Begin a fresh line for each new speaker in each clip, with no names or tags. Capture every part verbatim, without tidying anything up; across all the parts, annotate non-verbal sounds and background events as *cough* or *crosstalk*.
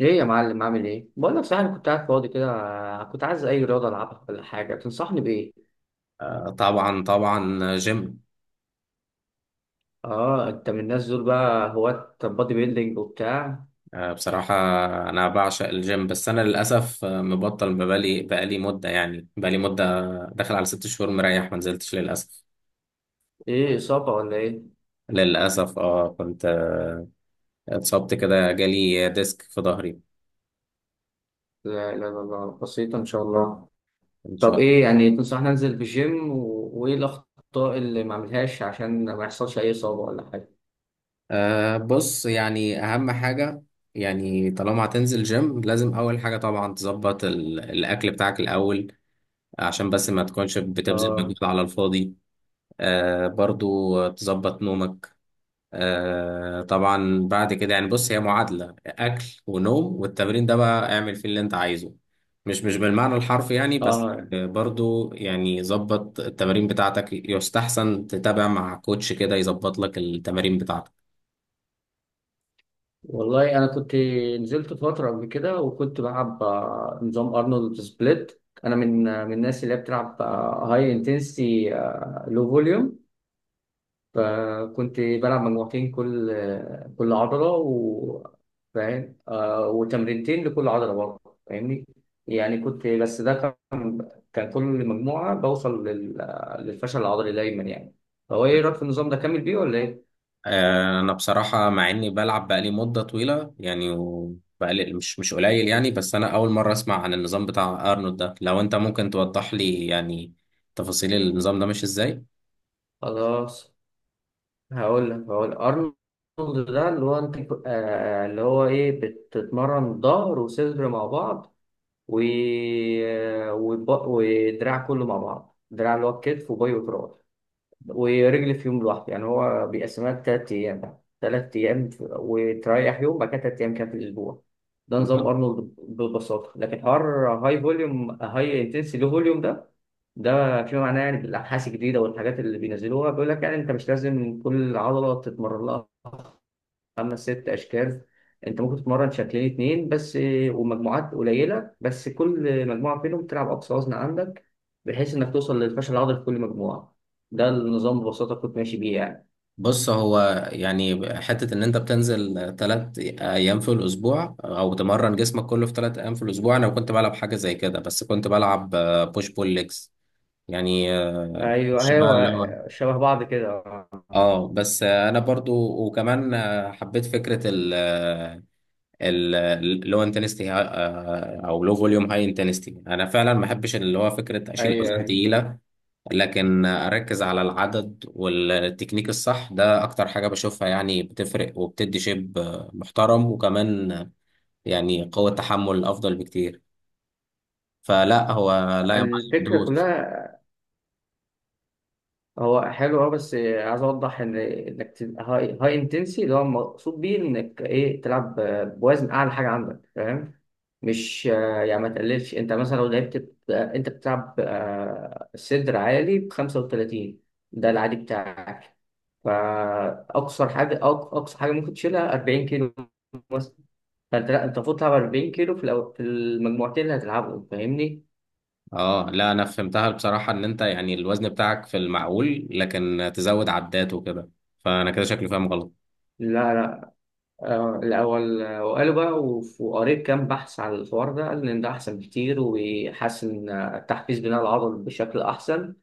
ايه يا معلم عامل ايه؟ بقول لك صحيح انا كنت قاعد فاضي كده. كنت عايز اي رياضه العبها ولا حاجه تنصحني بايه؟
آه، طبعا طبعا جيم.
اه، انت من الناس دول بقى هواة بادي بيلدينج وبتاع.
آه، بصراحة، أنا بعشق الجيم بس أنا للأسف آه، مبطل بقالي بقالي مدة، يعني بقالي مدة داخل على ست شهور مريح ما نزلتش للأسف.
ايه اصابه ولا ايه؟
للأسف اه كنت آه، اتصبت كده، جالي ديسك في ظهري.
لا لا لا لا، بسيطه ان شاء الله.
إن
طب
شاء
ايه
الله.
يعني تنصحني انزل في جيم و... وايه الاخطاء اللي ما اعملهاش عشان ما يحصلش اي اصابه ولا حاجه؟
أه بص، يعني أهم حاجة، يعني طالما هتنزل جيم لازم أول حاجة طبعا تظبط ال- الأكل بتاعك الأول، عشان بس ما تكونش بتبذل مجهود
اه.
على الفاضي. أه برضو تظبط نومك. آه طبعا بعد كده، يعني بص، هي معادلة أكل ونوم، والتمرين ده بقى اعمل فيه اللي أنت عايزه. مش مش بالمعنى الحرفي يعني بس.
اه،
آه، برضو يعني ظبط التمارين بتاعتك، يستحسن تتابع مع كوتش كده يظبط لك التمارين بتاعتك.
والله انا كنت نزلت فتره قبل كده وكنت بلعب آه، نظام ارنولد سبليت. انا من آه، من الناس اللي هي بتلعب هاي انتنسي لو فوليوم. فكنت بلعب مجموعتين كل آه، كل عضله، و فاهم آه، وتمرينتين لكل عضله برضه، فاهمني؟ يعني كنت، بس ده كان كان كل مجموعه بوصل لل- آه، للفشل العضلي دايما يعني. فهو ايه رايك في النظام ده؟ كامل بيه ولا ايه؟
آه أنا بصراحة مع إني بلعب بقالي مدة طويلة يعني، وبقالي مش مش قليل يعني، بس أنا أول مرة أسمع عن النظام بتاع أرنولد ده، لو أنت ممكن توضح لي يعني تفاصيل النظام ده ماشي إزاي.
خلاص، هقول لك هقول لك. ارنولد ده اللي هو انت آه آه، اللي هو ايه، بتتمرن ظهر وصدر مع بعض، و... آه، وب- ودراع كله مع بعض، دراع اللي هو الكتف وباي وتراي. ورجل في يوم لوحده. يعني هو بيقسمها لتلات أيام بقى، تلات أيام وتريح يوم بعد كده تلات أيام كده في الأسبوع. ده نظام أرنولد ببساطة. لكن حوار هاي فوليوم هاي انتنسي لو فوليوم ده، ده في معناه يعني بالأبحاث الجديدة والحاجات اللي بينزلوها بيقول لك يعني أنت مش لازم كل عضلة تتمرن لها خمس ست اشكال. انت ممكن تتمرن شكلين اتنين بس، ومجموعات قليله، بس كل مجموعه فيهم تلعب اقصى وزن عندك، بحيث انك توصل للفشل العضلي في كل مجموعه. ده النظام ببساطه كنت ماشي بيه يعني.
بص هو يعني حتة إن أنت بتنزل تلات أيام في الأسبوع، أو تمرن جسمك كله في تلات أيام في الأسبوع، أنا كنت بلعب حاجة زي كده بس كنت بلعب بوش بول ليجز. يعني آه،
ايوه
مش بقى
ايوه،
اللي هو.
شبه بعض كده.
اه بس آه، انا برضو، وكمان آه، حبيت فكره ال ال اللو انتنستي او لو فوليوم هاي انتنستي، انا فعلا ما بحبش اللي هو فكره اشيل
ايوه
اوزان
ايوه،
تقيله، لكن اركز على العدد والتكنيك الصح، ده اكتر حاجة بشوفها يعني بتفرق وبتدي شيب محترم، وكمان يعني قوة تحمل افضل بكتير. فلا هو، لا يا معلم
الفكره
دوس.
كلها. هو حلو اه، بس عايز اوضح ان انك تبقى هاي هاي انتنسي، اللي هو المقصود بيه انك ايه، تلعب بوزن اعلى حاجه عندك، فاهم؟ مش آه، يعني ما تقللش. انت مثلا لو لعبت ب- آه، انت بتلعب آه، صدر عالي ب خمسة وثلاثين، ده العادي بتاعك. فاقصر حاجه أق- اقصى حاجه ممكن تشيلها 40 كيلو مثلا. فانت لا، انت المفروض تلعب 40 كيلو في الأو... في المجموعتين اللي هتلعبهم، فاهمني؟
اه لا، انا فهمتها بصراحة، ان انت يعني الوزن بتاعك في المعقول لكن تزود عدات وكده، فانا كده شكلي فاهم غلط.
لا لا، آه، الاول آه، وقالوا بقى وف- وقريت كام بحث على الحوار ده، قال ان ده احسن بكتير ويحسن آه، تحفيز بناء العضل بشكل احسن.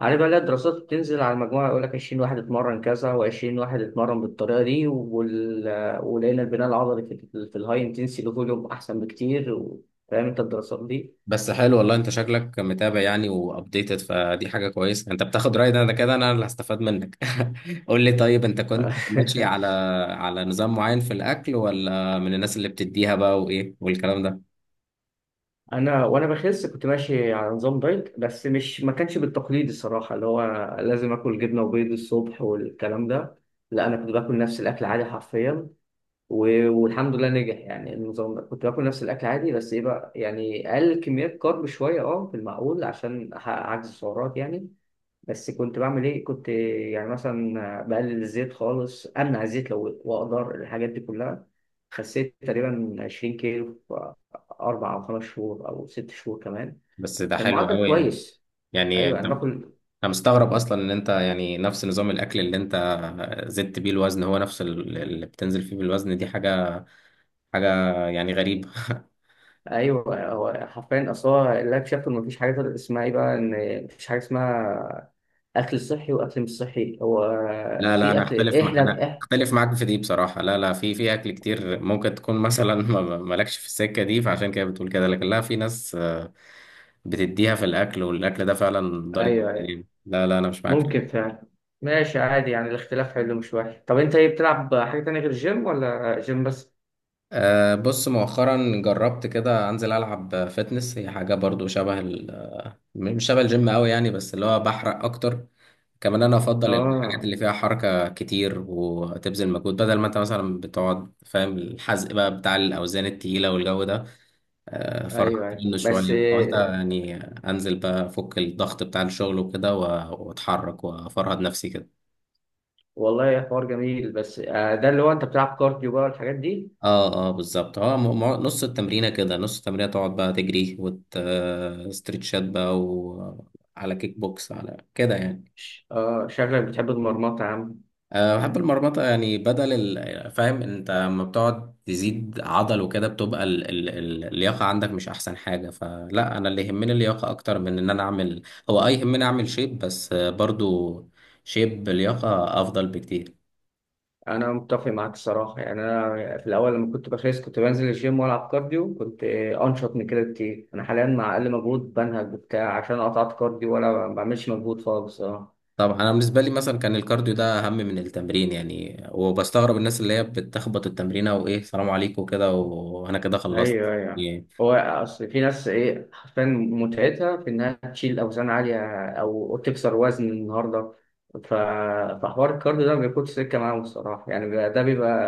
عارف بقى، لا الدراسات بتنزل على المجموعة يقول لك عشرين واحد اتمرن كذا و20 واحد اتمرن بالطريقة دي، وال... ولقينا البناء العضلي في, في الهاي انتنسي فوليوم أحسن بكتير، و... فاهم أنت الدراسات دي؟
بس حلو والله، انت شكلك متابع يعني وابديتد، فدي حاجه كويسه، انت بتاخد راي، ده انا كده انا اللي هستفاد منك. *laughs* قول لي طيب، انت كنت ماشي على
*laughs*
على نظام معين في الاكل، ولا من الناس اللي بتديها بقى وايه والكلام ده؟
أنا، وأنا بخس كنت ماشي على نظام دايت، بس مش، ما كانش بالتقليد الصراحة اللي هو لازم آكل جبنة وبيض الصبح والكلام ده. لا، أنا كنت باكل نفس الأكل عادي حرفيا، و- والحمد لله نجح يعني. النظام ده كنت باكل نفس الاكل عادي، بس ايه بقى، يعني اقل كميات كارب شويه، اه في المعقول، عشان أحقق عجز السعرات يعني. بس كنت بعمل ايه، كنت يعني مثلا بقلل الزيت خالص، امنع الزيت لو واقدر، الحاجات دي كلها. خسيت تقريبا 20 كيلو في اربع او خمس شهور او ست شهور كمان.
بس ده
كان
حلو
معدل
قوي يعني.
كويس.
يعني
ايوه
انت،
انا
انا
باكل.
مستغرب اصلا ان انت يعني نفس نظام الاكل اللي انت زدت بيه الوزن هو نفس ال- اللي بتنزل فيه بالوزن، دي حاجه حاجه يعني غريبه. *laughs*
ايوه هو حرفيا، اصل هو اللي اكتشفته ان مفيش حاجه اسمها ايه بقى، ان مفيش حاجه اسمها اكل صحي واكل مش صحي، هو
لا، لا،
في
انا
اكل
اختلف مع
احنا
انا
إح...
اختلف معاك في دي بصراحه. لا، لا، في في اكل كتير ممكن تكون مثلا. *laughs* ما- ما- مالكش في السكه دي، فعشان كده بتقول كده، لكن لا، في ناس آه، بتديها في الاكل، والاكل ده فعلا ضار
ايوه
جدا
ايوه،
يعني. لا، لا، انا مش معاك.
ممكن فعلا، ماشي عادي يعني، الاختلاف حلو مش وحش. طب انت ايه، بتلعب حاجه تانية غير الجيم ولا جيم بس؟
أه بص، مؤخرا جربت كده انزل العب فتنس، هي حاجه برضو شبه ال- آه، مش شبه الجيم قوي يعني، بس اللي هو بحرق اكتر. كمان انا افضل الحاجات
اه.
اللي فيها حركه كتير وتبذل مجهود، بدل ما انت مثلا بتقعد، فاهم، الحزق بقى بتاع الاوزان التقيله والجو ده. آه،
ايوه
فرحت
ايوه،
منه
بس
شوية، حاولت
آه،
يعني أنزل بقى أفك الضغط بتاع الشغل وكده، و- وأتحرك وأفرهد نفسي كده.
والله حوار جميل، بس آه، ده اللي هو انت بتلعب كارديو بقى والحاجات دي.
اه، اه، بالظبط. هو م- م- نص التمرينة كده نص التمرينة تقعد بقى تجري وتستريتشات بقى، وعلى كيك بوكس على كده يعني.
ش- اه شكلك بتحب المرمطه يا عم.
أه بحب المرمطة يعني، بدل ال- فاهم انت لما بتقعد تزيد عضل وكده، بتبقى ال ال ال اللياقة عندك مش احسن حاجة، فلا انا اللي يهمني اللياقة اكتر من ان انا اعمل. هو اي، يهمني اعمل شيب بس آه، برضو شيب بلياقة افضل بكتير.
انا متفق معاك الصراحه. يعني انا في الاول لما كنت بخس كنت بنزل الجيم والعب كارديو، كنت آه، انشط من كده كتير. انا حاليا مع اقل مجهود بنهج وبتاع، عشان قطعت كارديو ولا ما بعملش مجهود خالص، اه.
طبعا انا بالنسبة لي مثلا كان الكارديو ده اهم من التمرين يعني، وبستغرب الناس اللي هي بتخبط التمرين وايه، سلام عليكم كده وانا كده خلصت
ايوه ايوه.
يعني.
هو اصل في ناس ايه، حرفيا متعتها في انها تشيل اوزان عاليه او تكسر وزن النهارده. ف... فحوار الكارديو ده ما بياخدش سكه معاهم الصراحه، يعني بيبقى، ده بيبقى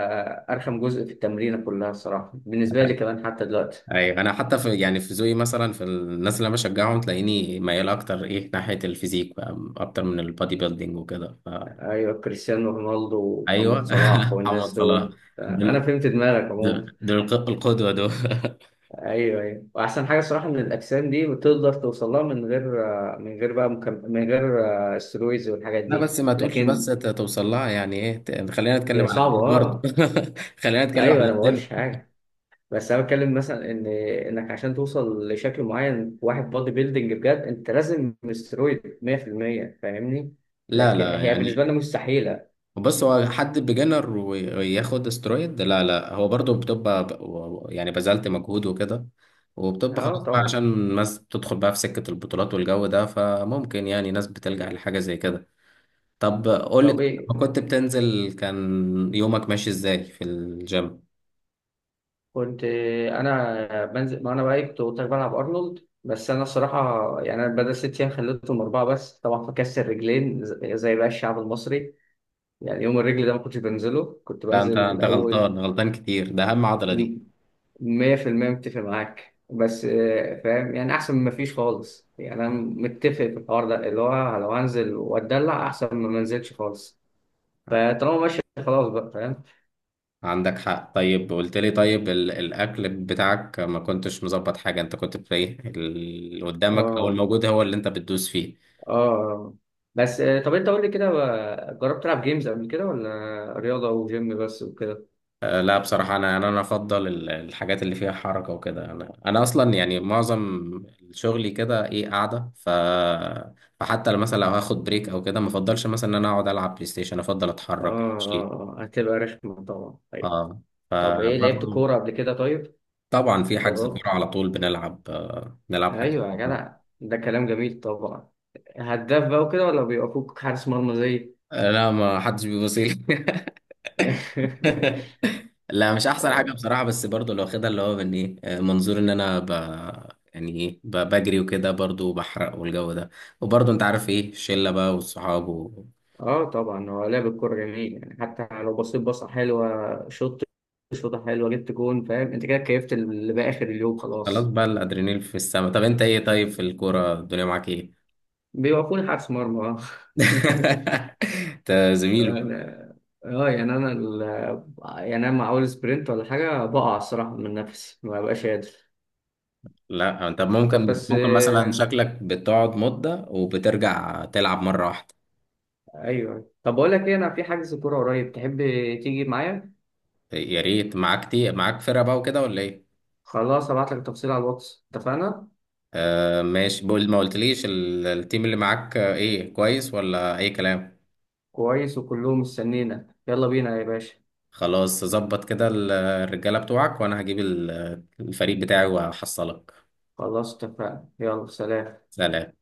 ارخم جزء في التمرينه كلها الصراحه بالنسبه لي، كمان حتى دلوقتي.
ايوه، انا حتى في يعني في ذوقي مثلا، في الناس اللي انا بشجعهم تلاقيني ميال اكتر ايه ناحيه الفيزيك بقى اكتر من البادي بيلدينج وكده، ف
ايوه كريستيانو رونالدو
ايوه.
ومحمد صلاح
*laughs* محمد
والناس
صلاح
دول، انا
دول,
فهمت دماغك عموما.
دول, دول الق- القدوه دول. *laughs*
ايوه ايوه، واحسن حاجه صراحه ان الاجسام دي بتقدر توصل لها من غير، من غير بقى مكم... من غير آه، استرويدز والحاجات
لا،
دي.
بس ما تقولش بس
لكن
ت- توصل لها، يعني ايه، ت- خلينا نتكلم
هي
على الدين
صعبه
برضه. *laughs*
اه.
خلينا نتكلم
ايوه
على
انا ما قلتش
الدين.
حاجه، بس انا بتكلم مثلا ان انك عشان توصل لشكل معين في واحد بودي بيلدينج بجد، انت لازم استرويد مية في المية، فاهمني؟
لا،
لكن
لا،
هي
يعني
بالنسبه لنا مستحيله.
بص، هو حد بيجنر وياخد استرويد؟ لا، لا، هو برضو بتبقى ب- و- يعني بذلت مجهود وكده، وبتبقى خلاص
اه
بقى،
طبعا.
عشان الناس بتدخل بقى في سكة البطولات والجو ده، فممكن يعني ناس بتلجأ لحاجة زي كده. طب قول لي
طب
طيب،
ايه
لما كنت بتنزل كان يومك ماشي ازاي في الجيم؟
كنت، انا بنزل، ما انا بقى كنت قلت لك بلعب ارنولد، بس انا الصراحه يعني، انا بدل ست ايام خليتهم اربعه بس طبعا، فكسر رجلين، ز- زي بقى الشعب المصري يعني. يوم الرجل ده ما كنتش بنزله، كنت
لا، انت
بنزل
انت
اول.
غلطان غلطان كتير، ده اهم عضلة دي.
مية في المية متفق معاك، بس آه، فاهم يعني، احسن من ما فيش خالص يعني. انا متفق في الحوار ده اللي هو لو هنزل واتدلع احسن من ما انزلش خالص. فطالما ماشي خلاص بقى، فاهم.
عندك حق. طيب قلت لي طيب ال- الاكل بتاعك ما كنتش مظبط حاجة، انت كنت في ايه اللي قدامك او
اه
الموجود هو اللي انت بتدوس فيه؟
اه، بس آه، طب انت قول لي كده، آه، جربت تلعب جيمز قبل كده ولا رياضه وجيم بس وكده؟
لا بصراحة أنا أنا أنا أفضل ال- الحاجات اللي فيها حركة وكده، أنا أنا أصلا يعني معظم شغلي كده إيه، قاعدة، ف... فحتى لو مثلا لو هاخد بريك أو كده، ما أفضلش مثلا إن أنا أقعد ألعب بلاي ستيشن، أفضل
اه
أتحرك أمشي.
اه، آه، هتبقى رخمه طبعا، ايوه.
أه،
طب ايه، لعبت
فبرضه
كوره قبل كده طيب؟
طبعا، في حجز كورة
جربت.
على طول بنلعب آه، بنلعب حجز
ايوه يا
كورة.
جدع، ده كلام جميل طبعا. هداف بقى وكده ولا بيوقفوك حارس مرمى زي؟
آه، لا، ما حدش بيبص لي.
*laughs*
*laughs* لا، مش احسن حاجه بصراحه، بس برضو لو واخدها اللي هو من ايه، آه، منظور ان انا ب... يعني ايه، ب... بجري وكده، برضو بحرق والجو ده، وبرضو انت عارف ايه، الشله بقى والصحاب و...
اه طبعا، هو لعب الكوره جميل يعني. حتى لو بصيت بصه حلوه، شوط، شوطه حلوه، جبت جون، فاهم انت كده، كيفت، اللي بقى اخر اليوم
خلاص
خلاص.
بقى، الادرينال في السما. طب انت ايه، طيب في الكوره الدنيا معاك ايه؟
بيوقفوني حارس مرمى اه. *laughs*
*laughs* انت زميل بقى.
انا اه، يعني انا ال... يعني انا مع اول سبرنت ولا حاجه بقع الصراحه، من نفسي ما ببقاش قادر.
لا، طب
طب
ممكن
بس
ممكن مثلا
آه،
شكلك بتقعد مده وبترجع تلعب مره واحده.
ايوه طب بقول لك ايه، انا في حجز كوره قريب، تحب تيجي معايا؟
يا ريت، معاك تي... معاك فرقه بقى وكده ولا ايه؟
خلاص ابعت لك تفصيل على الواتس، اتفقنا.
آه ماشي، بقول ما قلتليش ال- التيم اللي معاك آه، ايه، كويس ولا اي كلام؟
كويس وكلهم مستنينا، يلا بينا يا باشا.
خلاص، ظبط كده ال- الرجالة بتوعك، وانا هجيب ال- الفريق بتاعي وهحصلك.
خلاص اتفقنا، يلا سلام.
سلام.